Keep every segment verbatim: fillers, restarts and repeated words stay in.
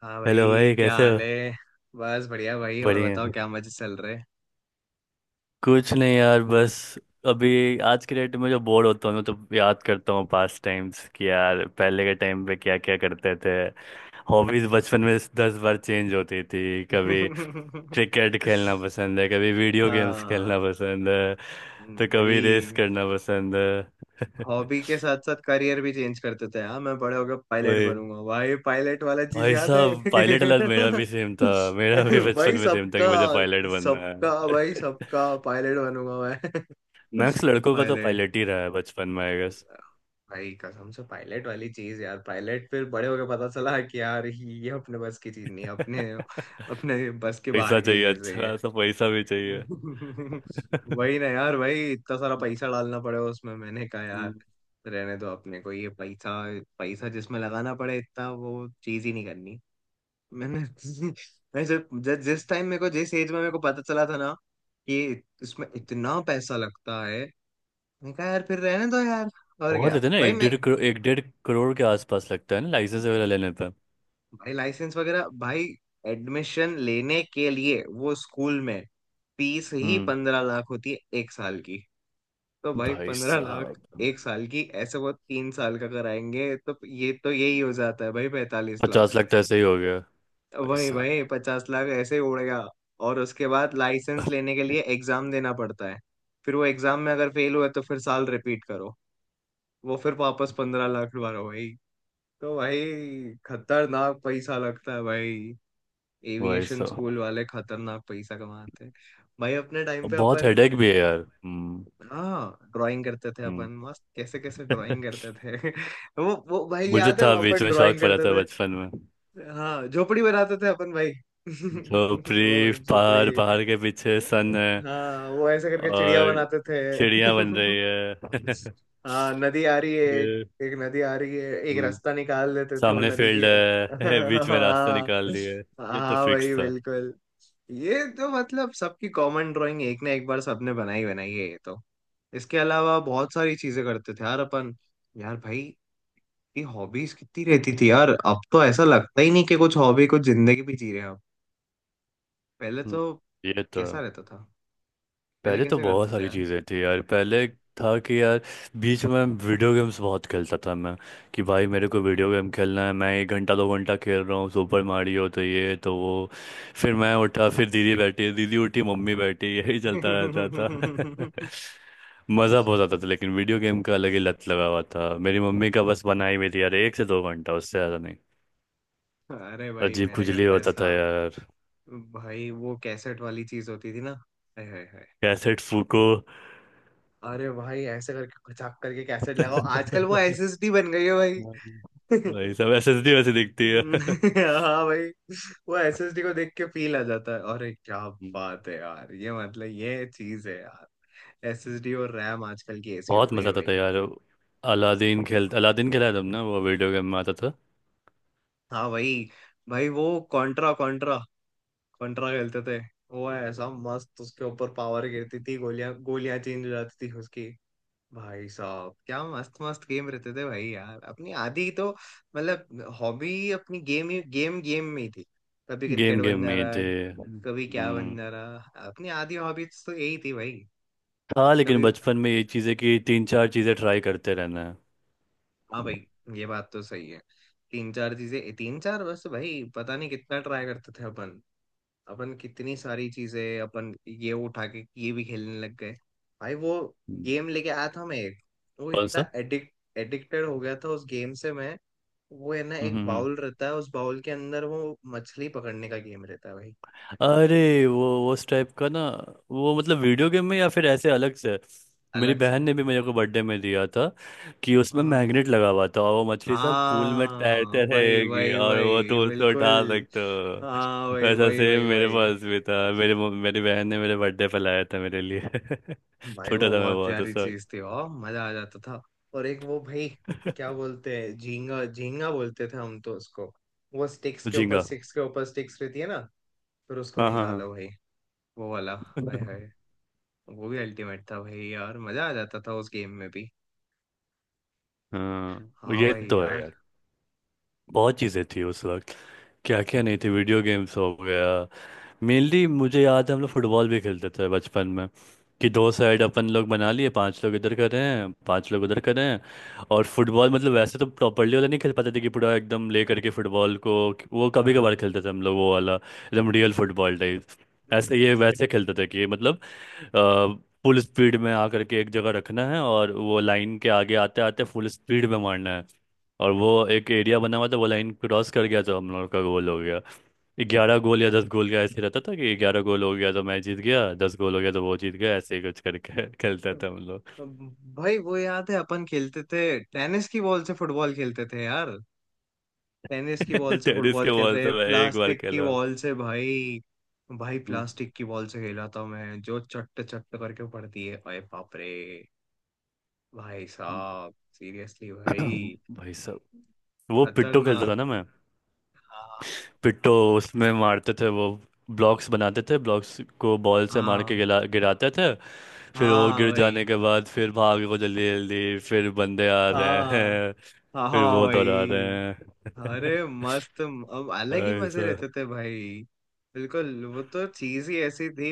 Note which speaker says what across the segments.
Speaker 1: हाँ
Speaker 2: हेलो
Speaker 1: भाई,
Speaker 2: भाई,
Speaker 1: क्या
Speaker 2: कैसे हो?
Speaker 1: हाल है। बस बढ़िया भाई, और
Speaker 2: बढ़िया।
Speaker 1: बताओ क्या मजे चल रहे।
Speaker 2: कुछ नहीं यार, बस अभी आज के डेट में जो बोर होता हूँ तो याद करता हूँ पास्ट टाइम्स कि यार पहले के टाइम पे क्या क्या करते थे। हॉबीज बचपन में दस बार चेंज होती थी। कभी क्रिकेट खेलना पसंद है, कभी वीडियो गेम्स
Speaker 1: हाँ
Speaker 2: खेलना पसंद है, तो कभी रेस
Speaker 1: भाई,
Speaker 2: करना पसंद है।
Speaker 1: हॉबी के साथ साथ करियर भी चेंज करते थे। हाँ, मैं बड़े होकर पायलट
Speaker 2: वही।
Speaker 1: बनूंगा भाई, पायलट वाला चीज
Speaker 2: भाई
Speaker 1: याद है
Speaker 2: साहब, पायलट वाला मेरा भी सेम था। मेरा भी बचपन
Speaker 1: भाई
Speaker 2: में सेम था
Speaker 1: सबका।
Speaker 2: कि मुझे पायलट बनना
Speaker 1: सबका
Speaker 2: है।
Speaker 1: भाई सबका, पायलट बनूंगा मैं।
Speaker 2: मैक्स लड़कों का तो
Speaker 1: पायलट।
Speaker 2: पायलट ही रहा है बचपन में, आई गेस।
Speaker 1: भाई कसम से पायलट वाली चीज यार, पायलट फिर बड़े होके पता चला कि यार ये अपने बस की चीज नहीं है, अपने अपने बस के
Speaker 2: पैसा
Speaker 1: बाहर की
Speaker 2: चाहिए,
Speaker 1: चीज है ये।
Speaker 2: अच्छा सा पैसा भी चाहिए।
Speaker 1: वही ना यार भाई, इतना सारा पैसा डालना पड़ेगा उसमें। मैंने कहा यार
Speaker 2: हम्म।
Speaker 1: रहने दो अपने को, ये पैसा। पैसा जिसमें लगाना पड़े इतना, वो चीज ही नहीं करनी। मैंने मैं जब जब- जिस टाइम मेरे को, जिस एज में मेरे को पता चला था ना कि इसमें इतना पैसा लगता है, मैं कहा यार फिर रहने दो यार। और
Speaker 2: बहुत
Speaker 1: क्या
Speaker 2: लेते हैं ना,
Speaker 1: भाई,
Speaker 2: एक
Speaker 1: मैं
Speaker 2: डेढ़ करोड़, एक डेढ़ करोड़ के आसपास लगता है ना लाइसेंस वगैरह
Speaker 1: भाई,
Speaker 2: लेने पे।
Speaker 1: लाइसेंस वगैरह भाई, एडमिशन लेने के लिए वो स्कूल में फीस ही
Speaker 2: हम्म।
Speaker 1: पंद्रह लाख होती है एक साल की। तो भाई
Speaker 2: भाई
Speaker 1: पंद्रह लाख
Speaker 2: साहब,
Speaker 1: एक साल की, ऐसे वो तीन साल का कराएंगे तो ये तो यही हो जाता है भाई, पैंतालीस
Speaker 2: पचास
Speaker 1: लाख
Speaker 2: लाख तो ऐसे ही हो गया। भाई
Speaker 1: वही
Speaker 2: साहब।
Speaker 1: भाई, पचास लाख ऐसे ही उड़ गया। और उसके बाद लाइसेंस लेने के लिए एग्जाम देना पड़ता है। फिर वो एग्जाम में अगर फेल हुआ तो फिर साल रिपीट करो, वो फिर वापस पंद्रह लाख दोबारा भाई। तो भाई, खतरनाक पैसा लगता है भाई।
Speaker 2: भाई
Speaker 1: एविएशन
Speaker 2: साहब,
Speaker 1: स्कूल वाले खतरनाक पैसा कमाते हैं। भाई अपने टाइम
Speaker 2: और
Speaker 1: पे
Speaker 2: बहुत
Speaker 1: अपन,
Speaker 2: हेडेक भी है यार। हम्म
Speaker 1: हाँ ड्राइंग करते थे
Speaker 2: हम्म।
Speaker 1: अपन, मस्त कैसे कैसे ड्राइंग करते थे। वो वो भाई
Speaker 2: मुझे
Speaker 1: याद है
Speaker 2: था, बीच
Speaker 1: अपन
Speaker 2: में शौक
Speaker 1: ड्राइंग
Speaker 2: पड़ा
Speaker 1: करते
Speaker 2: था
Speaker 1: थे।
Speaker 2: बचपन में।
Speaker 1: हाँ झोपड़ी बनाते थे अपन भाई, वो
Speaker 2: झोपड़ी,
Speaker 1: झोपड़ी।
Speaker 2: पहाड़, पहाड़ के पीछे सन है,
Speaker 1: हाँ वो ऐसे करके चिड़िया
Speaker 2: और
Speaker 1: बनाते थे।
Speaker 2: चिड़िया बन रही है।
Speaker 1: हाँ नदी आ रही है एक,
Speaker 2: ये।
Speaker 1: एक नदी आ रही है, एक
Speaker 2: हम्म।
Speaker 1: रास्ता निकाल देते थे वो
Speaker 2: सामने
Speaker 1: नदी के।
Speaker 2: फील्ड है। बीच में रास्ता
Speaker 1: हाँ।
Speaker 2: निकाल दिया है। ये तो
Speaker 1: हाँ
Speaker 2: फिक्स
Speaker 1: भाई
Speaker 2: था।
Speaker 1: बिल्कुल। ये तो मतलब सबकी कॉमन ड्राइंग, एक ना एक बार सबने बनाई बनाई है ये तो। इसके अलावा बहुत सारी चीजें करते थे यार अपन। यार भाई ये हॉबीज कितनी रहती थी यार, अब तो ऐसा लगता ही नहीं कि कुछ हॉबी कुछ जिंदगी भी जी रहे हैं अब। पहले
Speaker 2: हम्म,
Speaker 1: तो
Speaker 2: ये तो
Speaker 1: कैसा
Speaker 2: है।
Speaker 1: रहता था, पहले
Speaker 2: पहले तो
Speaker 1: कैसे करते
Speaker 2: बहुत
Speaker 1: थे
Speaker 2: सारी
Speaker 1: यार।
Speaker 2: चीज़ें थी यार, पहले था कि यार, बीच में वीडियो गेम्स बहुत खेलता था मैं, कि भाई मेरे को वीडियो गेम खेलना है। मैं एक घंटा दो घंटा खेल रहा हूँ सुपर मारियो, तो ये तो वो, फिर मैं उठा, फिर दीदी बैठी, दीदी उठी, मम्मी बैठी। यही चलता रहता था। मज़ा बहुत आता था, लेकिन वीडियो गेम का अलग ही लत लगा हुआ था। मेरी मम्मी का बस बनाई हुई थी यार, एक से दो घंटा, उससे ज़्यादा नहीं।
Speaker 1: अरे भाई
Speaker 2: अजीब
Speaker 1: मेरे घर
Speaker 2: खुजली
Speaker 1: पे
Speaker 2: होता
Speaker 1: ऐसा,
Speaker 2: था यार।
Speaker 1: भाई वो कैसेट वाली चीज होती थी ना। अरे हाय हाय हाय।
Speaker 2: कैसेट फूको।
Speaker 1: अरे भाई ऐसे करके खचाक करके कैसेट लगाओ, आजकल वो एसएसडी बन गई है भाई।
Speaker 2: भाई, सब एसएसडी वैसे दिखती है।
Speaker 1: हाँ भाई, वो एसएसडी को देख के फील आ जाता है। अरे क्या
Speaker 2: हम्म।
Speaker 1: बात है यार, ये मतलब ये चीज है यार। एसएसडी और रैम आजकल की ऐसी हो
Speaker 2: बहुत
Speaker 1: गई
Speaker 2: मजा
Speaker 1: है
Speaker 2: आता
Speaker 1: भाई।
Speaker 2: था यार। अलादीन खेल, अलादीन खेला है तुमने? वो वीडियो गेम में आता था।
Speaker 1: हाँ भाई। भाई वो कॉन्ट्रा, कॉन्ट्रा कॉन्ट्रा खेलते थे। वो ऐसा मस्त, उसके ऊपर पावर गिरती थी, गोलियां गोलियां चेंज हो जाती थी उसकी। भाई साहब क्या मस्त मस्त गेम रहते थे भाई। यार अपनी आधी तो मतलब हॉबी अपनी गेम ही, गेम गेम में ही थी। कभी क्रिकेट
Speaker 2: गेम गेम
Speaker 1: बन जा
Speaker 2: में ही
Speaker 1: रहा
Speaker 2: थे।
Speaker 1: है, कभी क्या बन
Speaker 2: हम्म।
Speaker 1: जाना। अपनी आधी हॉबीज तो यही थी भाई।
Speaker 2: था, लेकिन
Speaker 1: कभी।
Speaker 2: बचपन में ये चीज़ें कि तीन चार चीज़ें ट्राई करते रहना है।
Speaker 1: हाँ भाई ये बात तो सही है। तीन चार चीजें, तीन चार, बस भाई पता नहीं कितना ट्राई करते थे अपन। अपन कितनी सारी चीजें, अपन ये उठा के ये भी खेलने लग गए। भाई वो
Speaker 2: हम्म।
Speaker 1: गेम लेके आया था मैं एक, वो
Speaker 2: कौन
Speaker 1: इतना
Speaker 2: सा?
Speaker 1: एडिक्ट एडिक्टेड हो गया था उस गेम से मैं। वो है ना,
Speaker 2: हम्म
Speaker 1: एक
Speaker 2: हम्म हम्म।
Speaker 1: बाउल रहता है, उस बाउल के अंदर वो मछली पकड़ने का गेम रहता है भाई।
Speaker 2: अरे, वो वो उस टाइप का ना, वो मतलब वीडियो गेम में या फिर ऐसे अलग से? मेरी
Speaker 1: अलग से।
Speaker 2: बहन ने भी मेरे को बर्थडे में दिया था कि उसमें
Speaker 1: हाँ
Speaker 2: मैग्नेट लगा हुआ था, और वो मछली सब पूल में
Speaker 1: हाँ,
Speaker 2: तैरते
Speaker 1: वही
Speaker 2: रहेगी,
Speaker 1: वही
Speaker 2: और वो
Speaker 1: वही
Speaker 2: तो उसको उठा
Speaker 1: बिल्कुल।
Speaker 2: सकते
Speaker 1: हाँ
Speaker 2: हो।
Speaker 1: वही
Speaker 2: वैसा
Speaker 1: वही
Speaker 2: सेम
Speaker 1: वही
Speaker 2: मेरे
Speaker 1: वही।
Speaker 2: पास भी था। मेरे मम- मेरी बहन ने मेरे बर्थडे पर लाया था मेरे लिए।
Speaker 1: भाई
Speaker 2: छोटा
Speaker 1: वो
Speaker 2: था मैं
Speaker 1: बहुत
Speaker 2: बहुत
Speaker 1: प्यारी
Speaker 2: उस
Speaker 1: चीज
Speaker 2: वक्त।
Speaker 1: थी, वाह मजा आ जाता था। और एक वो भाई क्या बोलते हैं, झींगा झींगा बोलते थे हम तो उसको। वो स्टिक्स के ऊपर
Speaker 2: झींगा।
Speaker 1: स्टिक्स के ऊपर स्टिक्स रहती है ना, फिर उसको
Speaker 2: हाँ हाँ हाँ।
Speaker 1: निकालो भाई, वो वाला। हाय हाय, वो भी अल्टीमेट था भाई यार, मजा आ जाता था उस गेम में भी।
Speaker 2: हाँ,
Speaker 1: हाँ
Speaker 2: ये
Speaker 1: भाई
Speaker 2: तो है
Speaker 1: यार।
Speaker 2: यार। बहुत चीज़ें थी उस वक्त। क्या क्या नहीं थी, वीडियो गेम्स हो गया। मेनली मुझे याद है हम लोग फुटबॉल भी खेलते थे बचपन में। कि दो साइड अपन लोग बना लिए, पांच लोग इधर कर रहे हैं, पांच लोग उधर कर रहे हैं। और फुटबॉल मतलब वैसे तो प्रॉपर्ली वाला नहीं खेल पाते थे कि पूरा एकदम ले करके फुटबॉल को। वो कभी कभार
Speaker 1: हाँ
Speaker 2: खेलते थे हम लोग, वो वाला एकदम रियल फुटबॉल टाइप। ऐसे ये वैसे खेलते थे कि मतलब, फुल स्पीड में आकर के एक जगह रखना है, और वो लाइन के आगे आते आते फुल स्पीड में मारना है। और वो एक एरिया बना हुआ था, वो लाइन क्रॉस कर गया तो हम लोग का गोल हो गया। ग्यारह गोल या दस गोल का ऐसे रहता था, कि ग्यारह गोल हो गया तो मैं जीत गया, दस गोल हो गया तो वो जीत गया, ऐसे ही कुछ करके खेलता था हम लोग।
Speaker 1: भाई वो याद है, अपन खेलते थे टेनिस की बॉल से, फुटबॉल खेलते थे यार टेनिस की बॉल से।
Speaker 2: टेनिस
Speaker 1: फुटबॉल
Speaker 2: के
Speaker 1: खेल
Speaker 2: बॉल
Speaker 1: रहे
Speaker 2: से मैं एक बार
Speaker 1: प्लास्टिक की
Speaker 2: खेला हूँ।
Speaker 1: बॉल से भाई। भाई प्लास्टिक की बॉल से खेला था मैं, जो चट्ट चट्ट करके पड़ती है, अरे बाप रे। भाई
Speaker 2: हम्म।
Speaker 1: साहब सीरियसली भाई,
Speaker 2: भाई साहब, वो पिट्टो खेलता था
Speaker 1: खतरनाक।
Speaker 2: ना मैं।
Speaker 1: हाँ।
Speaker 2: पिट्टो। उसमें मारते थे, वो ब्लॉक्स बनाते थे, ब्लॉक्स को बॉल से मार के
Speaker 1: हाँ
Speaker 2: गिरा गिराते थे। फिर वो
Speaker 1: हाँ
Speaker 2: गिर
Speaker 1: भाई।
Speaker 2: जाने के बाद फिर भागो जल्दी जल्दी, फिर बंदे आ रहे
Speaker 1: हाँ।
Speaker 2: हैं,
Speaker 1: हाँ
Speaker 2: फिर
Speaker 1: हाँ
Speaker 2: वो दौड़ा रहे
Speaker 1: भाई।
Speaker 2: हैं।
Speaker 1: अरे मस्त, अब अलग ही मजे रहते
Speaker 2: ऐसा।
Speaker 1: थे भाई। बिल्कुल, वो तो चीज ही ऐसी थी।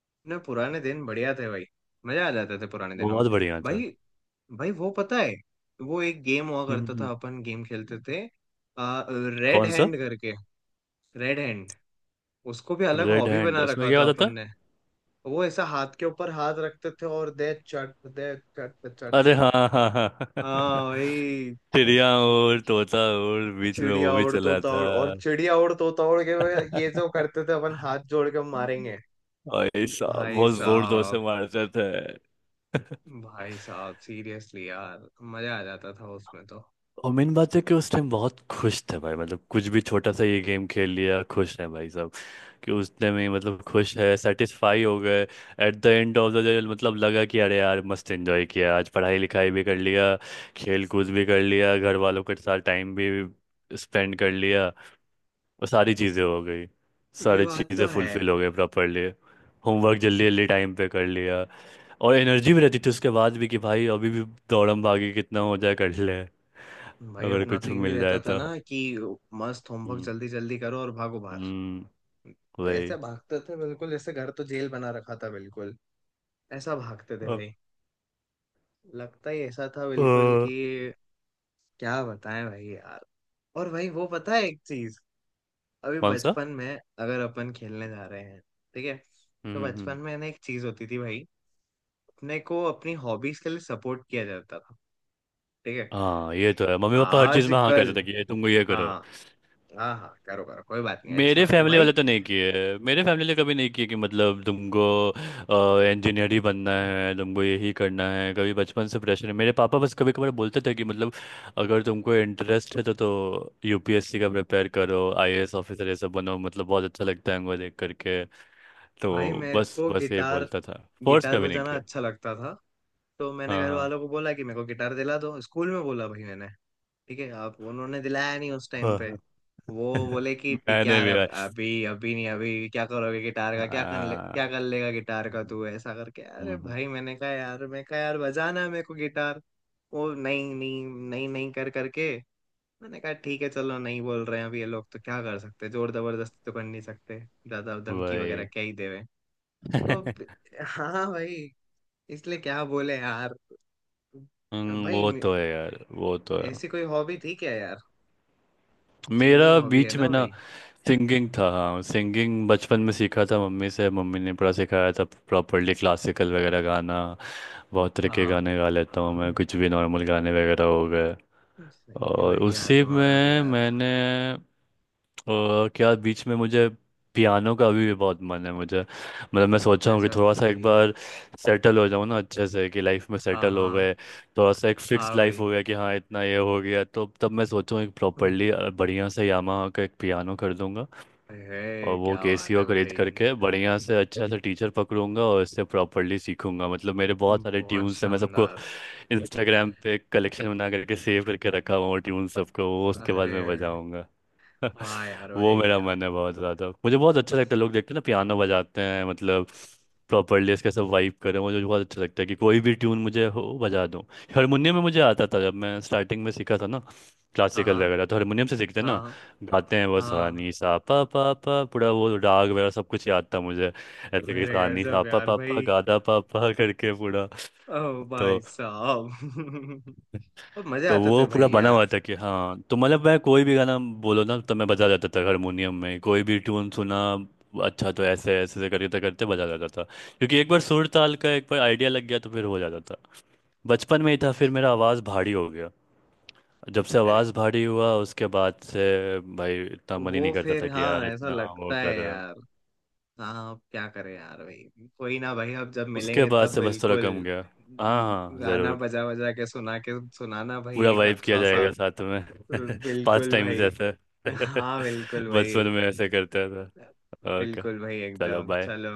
Speaker 1: अपने पुराने दिन बढ़िया थे भाई, मजा आ जाते थे पुराने दिनों में।
Speaker 2: बहुत बढ़िया था।
Speaker 1: भाई, भाई वो पता है, वो एक गेम हुआ करता था, अपन गेम खेलते थे रेड
Speaker 2: कौन सा?
Speaker 1: हैंड करके। रेड हैंड, उसको भी अलग
Speaker 2: रेड
Speaker 1: हॉबी
Speaker 2: हैंड?
Speaker 1: बना
Speaker 2: उसमें
Speaker 1: रखा
Speaker 2: क्या
Speaker 1: था अपन
Speaker 2: बताता?
Speaker 1: ने। वो ऐसा हाथ के ऊपर हाथ रखते थे और दे चट दे चट
Speaker 2: अरे,
Speaker 1: चट।
Speaker 2: हाँ हाँ हाँ।
Speaker 1: हाँ भाई।
Speaker 2: चिड़िया और तोता, और बीच में वो
Speaker 1: चिड़िया
Speaker 2: भी
Speaker 1: उड़
Speaker 2: चला
Speaker 1: तोता
Speaker 2: था।
Speaker 1: उड़, और चिड़िया उड़ तोता उड़ के वो- ये जो करते थे अपन, हाथ जोड़ के मारेंगे।
Speaker 2: भाई साहब,
Speaker 1: भाई
Speaker 2: बहुत जोर जोर
Speaker 1: साहब,
Speaker 2: से मारते थे।
Speaker 1: भाई साहब सीरियसली यार, मजा आ जाता था उसमें तो।
Speaker 2: और मेन बात है कि उस टाइम बहुत खुश थे भाई, मतलब कुछ भी छोटा सा, ये गेम खेल लिया, खुश है भाई साहब। कि उस टाइम ही मतलब खुश है, सेटिस्फाई हो गए। At the end of the day मतलब लगा कि अरे यार मस्त एंजॉय किया, आज पढ़ाई लिखाई भी कर लिया, खेल कूद भी कर लिया, घर वालों के साथ टाइम भी स्पेंड कर लिया, वो सारी चीज़ें हो गई।
Speaker 1: ये
Speaker 2: सारी
Speaker 1: बात तो
Speaker 2: चीज़ें
Speaker 1: है
Speaker 2: फुलफिल हो गई प्रॉपरली। होमवर्क जल्दी जल्दी टाइम पे कर लिया, और एनर्जी भी रहती थी उसके बाद भी कि भाई अभी भी दौड़म भागी कितना हो जाए कर ले,
Speaker 1: भाई।
Speaker 2: अगर
Speaker 1: अपना
Speaker 2: कुछ
Speaker 1: तो यूं ही
Speaker 2: मिल
Speaker 1: रहता
Speaker 2: जाए
Speaker 1: था
Speaker 2: तो।
Speaker 1: ना कि मस्त होमवर्क
Speaker 2: हम्म।
Speaker 1: जल्दी जल्दी करो और भागो बाहर।
Speaker 2: हम्म। वही।
Speaker 1: ऐसा भागते थे बिल्कुल, जैसे घर तो जेल बना रखा था बिल्कुल। ऐसा भागते थे
Speaker 2: अ,
Speaker 1: भाई, लगता ही ऐसा था
Speaker 2: अ,
Speaker 1: बिल्कुल कि, क्या बताएं भाई यार। और भाई वो पता है एक चीज, अभी
Speaker 2: कौन सा?
Speaker 1: बचपन में अगर अपन खेलने जा रहे हैं, ठीक है, तो
Speaker 2: हम्म हम्म।
Speaker 1: बचपन में ना एक चीज होती थी भाई, अपने को अपनी हॉबीज के लिए सपोर्ट किया जाता था, ठीक है।
Speaker 2: हाँ, ये तो है। मम्मी पापा हर चीज़ में हाँ करते
Speaker 1: आजकल।
Speaker 2: थे कि ये तुमको, ये करो।
Speaker 1: हाँ, हाँ हाँ करो करो, कोई बात नहीं, अच्छी
Speaker 2: मेरे
Speaker 1: बात है
Speaker 2: फैमिली वाले
Speaker 1: भाई।
Speaker 2: तो नहीं किए। मेरे फैमिली ने कभी नहीं किए कि मतलब तुमको इंजीनियर ही बनना है, तुमको यही करना है। कभी बचपन से प्रेशर है मेरे पापा, बस कभी कभार बोलते थे कि मतलब अगर तुमको इंटरेस्ट है तो तो यूपीएससी का प्रिपेयर करो, आईएएस ऑफिसर ये सब बनो, मतलब बहुत अच्छा लगता है उनको देख करके।
Speaker 1: भाई
Speaker 2: तो
Speaker 1: मेरे
Speaker 2: बस
Speaker 1: को
Speaker 2: बस ये
Speaker 1: गिटार,
Speaker 2: बोलता था। फोर्स
Speaker 1: गिटार
Speaker 2: कभी नहीं
Speaker 1: बजाना
Speaker 2: किया।
Speaker 1: अच्छा लगता था, तो मैंने घर
Speaker 2: हाँ
Speaker 1: वालों को बोला कि मेरे को गिटार दिला दो, स्कूल में बोला भाई मैंने। ठीक है आप, उन्होंने दिलाया नहीं उस टाइम
Speaker 2: हाँ
Speaker 1: पे,
Speaker 2: हाँ,
Speaker 1: वो
Speaker 2: हाँ।
Speaker 1: बोले कि ठीक है
Speaker 2: मैंने
Speaker 1: यार,
Speaker 2: भी
Speaker 1: अब
Speaker 2: भाई,
Speaker 1: अभी अभी नहीं, अभी क्या करोगे गिटार का, क्या कर ले, क्या
Speaker 2: हाँ।
Speaker 1: कर लेगा गिटार का
Speaker 2: हम्म,
Speaker 1: तू, ऐसा करके। अरे
Speaker 2: हम्म, हम्म।
Speaker 1: भाई मैंने कहा यार, मैं कहा यार बजाना है मेरे को गिटार। वो नहीं नहीं नहीं नहीं कर करके, मैंने कहा ठीक है चलो, नहीं बोल रहे हैं अभी ये लोग, तो क्या कर सकते हैं? जोर जबरदस्ती तो कर नहीं सकते, ज्यादा धमकी वगैरह
Speaker 2: वही।
Speaker 1: क्या ही देवे। तो हाँ भाई, इसलिए क्या बोले यार।
Speaker 2: हम्म,
Speaker 1: भाई
Speaker 2: वो
Speaker 1: मे-
Speaker 2: तो है यार, वो तो है।
Speaker 1: ऐसी कोई हॉबी थी क्या यार, सिंगिंग
Speaker 2: मेरा
Speaker 1: हॉबी है
Speaker 2: बीच में
Speaker 1: ना
Speaker 2: ना
Speaker 1: भाई।
Speaker 2: सिंगिंग था। हाँ, सिंगिंग बचपन में सीखा था मम्मी से। मम्मी ने पूरा सिखाया था प्रॉपरली, क्लासिकल वगैरह गाना। बहुत तरह के
Speaker 1: हाँ,
Speaker 2: गाने गा लेता हूँ मैं कुछ भी, नॉर्मल गाने वगैरह हो गए,
Speaker 1: सही है
Speaker 2: और
Speaker 1: भाई यार,
Speaker 2: उसी
Speaker 1: तुम्हारा भी
Speaker 2: में
Speaker 1: यार।
Speaker 2: मैंने, और क्या, बीच में मुझे पियानो का अभी भी बहुत मन है मुझे। मतलब मैं
Speaker 1: अरे
Speaker 2: सोच रहा हूँ कि
Speaker 1: गजब
Speaker 2: थोड़ा सा एक
Speaker 1: भाई।
Speaker 2: बार सेटल हो जाऊँ ना अच्छे से, कि लाइफ में
Speaker 1: हाँ।
Speaker 2: सेटल हो
Speaker 1: हाँ
Speaker 2: गए, थोड़ा सा एक फिक्स
Speaker 1: हाँ
Speaker 2: लाइफ
Speaker 1: भाई।
Speaker 2: हो गया कि हाँ इतना ये हो गया, तो तब मैं सोचूँ एक प्रॉपरली बढ़िया से यामाहा का एक पियानो कर दूंगा, और
Speaker 1: अरे
Speaker 2: वो
Speaker 1: क्या बात
Speaker 2: केसियो
Speaker 1: है
Speaker 2: खरीद
Speaker 1: भाई।
Speaker 2: करके बढ़िया से अच्छा से टीचर पकड़ूंगा, और इससे प्रॉपरली सीखूंगा। मतलब मेरे बहुत सारे
Speaker 1: बहुत
Speaker 2: ट्यून्स हैं, मैं सबको
Speaker 1: शानदार।
Speaker 2: इंस्टाग्राम पे कलेक्शन बना करके सेव करके रखा हुआ हूँ, ट्यून सबको, वो उसके बाद
Speaker 1: अरे
Speaker 2: मैं बजाऊंगा।
Speaker 1: वाह यार
Speaker 2: वो
Speaker 1: भाई
Speaker 2: मेरा
Speaker 1: यार।
Speaker 2: मन है बहुत ज़्यादा, मुझे बहुत अच्छा लगता है लोग देखते हैं ना पियानो बजाते हैं, मतलब प्रॉपरली इसके सब वाइब करें। मुझे बहुत अच्छा लगता है कि कोई भी ट्यून मुझे हो बजा दूँ। हारमोनियम में मुझे आता था जब मैं स्टार्टिंग में सीखा था ना,
Speaker 1: हाँ
Speaker 2: क्लासिकल
Speaker 1: हाँ
Speaker 2: वगैरह तो हारमोनियम से सीखते हैं ना,
Speaker 1: हाँ
Speaker 2: गाते हैं वो सा
Speaker 1: हाँ।
Speaker 2: नी सा पा पा पा पूरा, वो राग वगैरह सब कुछ याद था मुझे। ऐसे कि
Speaker 1: अरे
Speaker 2: सा नी सा
Speaker 1: गजब
Speaker 2: पा
Speaker 1: यार
Speaker 2: पा पा
Speaker 1: भाई,
Speaker 2: गा दा पा पा करके पूरा।
Speaker 1: ओ
Speaker 2: तो
Speaker 1: भाई साहब। मजा
Speaker 2: तो
Speaker 1: आते थे
Speaker 2: वो
Speaker 1: भाई
Speaker 2: पूरा बना
Speaker 1: यार।
Speaker 2: हुआ था कि हाँ, तो मतलब मैं कोई भी गाना बोलो ना तो मैं बजा जाता था हारमोनियम में। कोई भी ट्यून सुना, अच्छा, तो ऐसे ऐसे ऐसे करते करते बजा जाता था, क्योंकि एक बार सुर ताल का एक बार आइडिया लग गया तो फिर हो जाता था। बचपन में ही था, फिर मेरा आवाज़ भारी हो गया। जब से
Speaker 1: अरे
Speaker 2: आवाज़ भारी हुआ उसके बाद से भाई इतना मन ही नहीं
Speaker 1: वो।
Speaker 2: करता
Speaker 1: फिर
Speaker 2: था कि
Speaker 1: हाँ
Speaker 2: यार
Speaker 1: ऐसा
Speaker 2: इतना वो
Speaker 1: लगता है
Speaker 2: कर।
Speaker 1: यार। हाँ अब क्या करें यार भाई, कोई ना भाई, अब जब
Speaker 2: उसके
Speaker 1: मिलेंगे
Speaker 2: बाद
Speaker 1: तब
Speaker 2: से बस थोड़ा
Speaker 1: बिल्कुल,
Speaker 2: कम गया। हाँ हाँ,
Speaker 1: गाना
Speaker 2: ज़रूर।
Speaker 1: बजा बजा के सुना के सुनाना भाई,
Speaker 2: पूरा
Speaker 1: एक
Speaker 2: वाइब किया
Speaker 1: अच्छा सा।
Speaker 2: जाएगा साथ में। पास्ट
Speaker 1: बिल्कुल
Speaker 2: टाइम
Speaker 1: भाई।
Speaker 2: जैसे,
Speaker 1: हाँ बिल्कुल भाई।
Speaker 2: बचपन में ऐसे करता था। ओके,
Speaker 1: बिल्कुल भाई
Speaker 2: चलो,
Speaker 1: एकदम,
Speaker 2: बाय।
Speaker 1: चलो।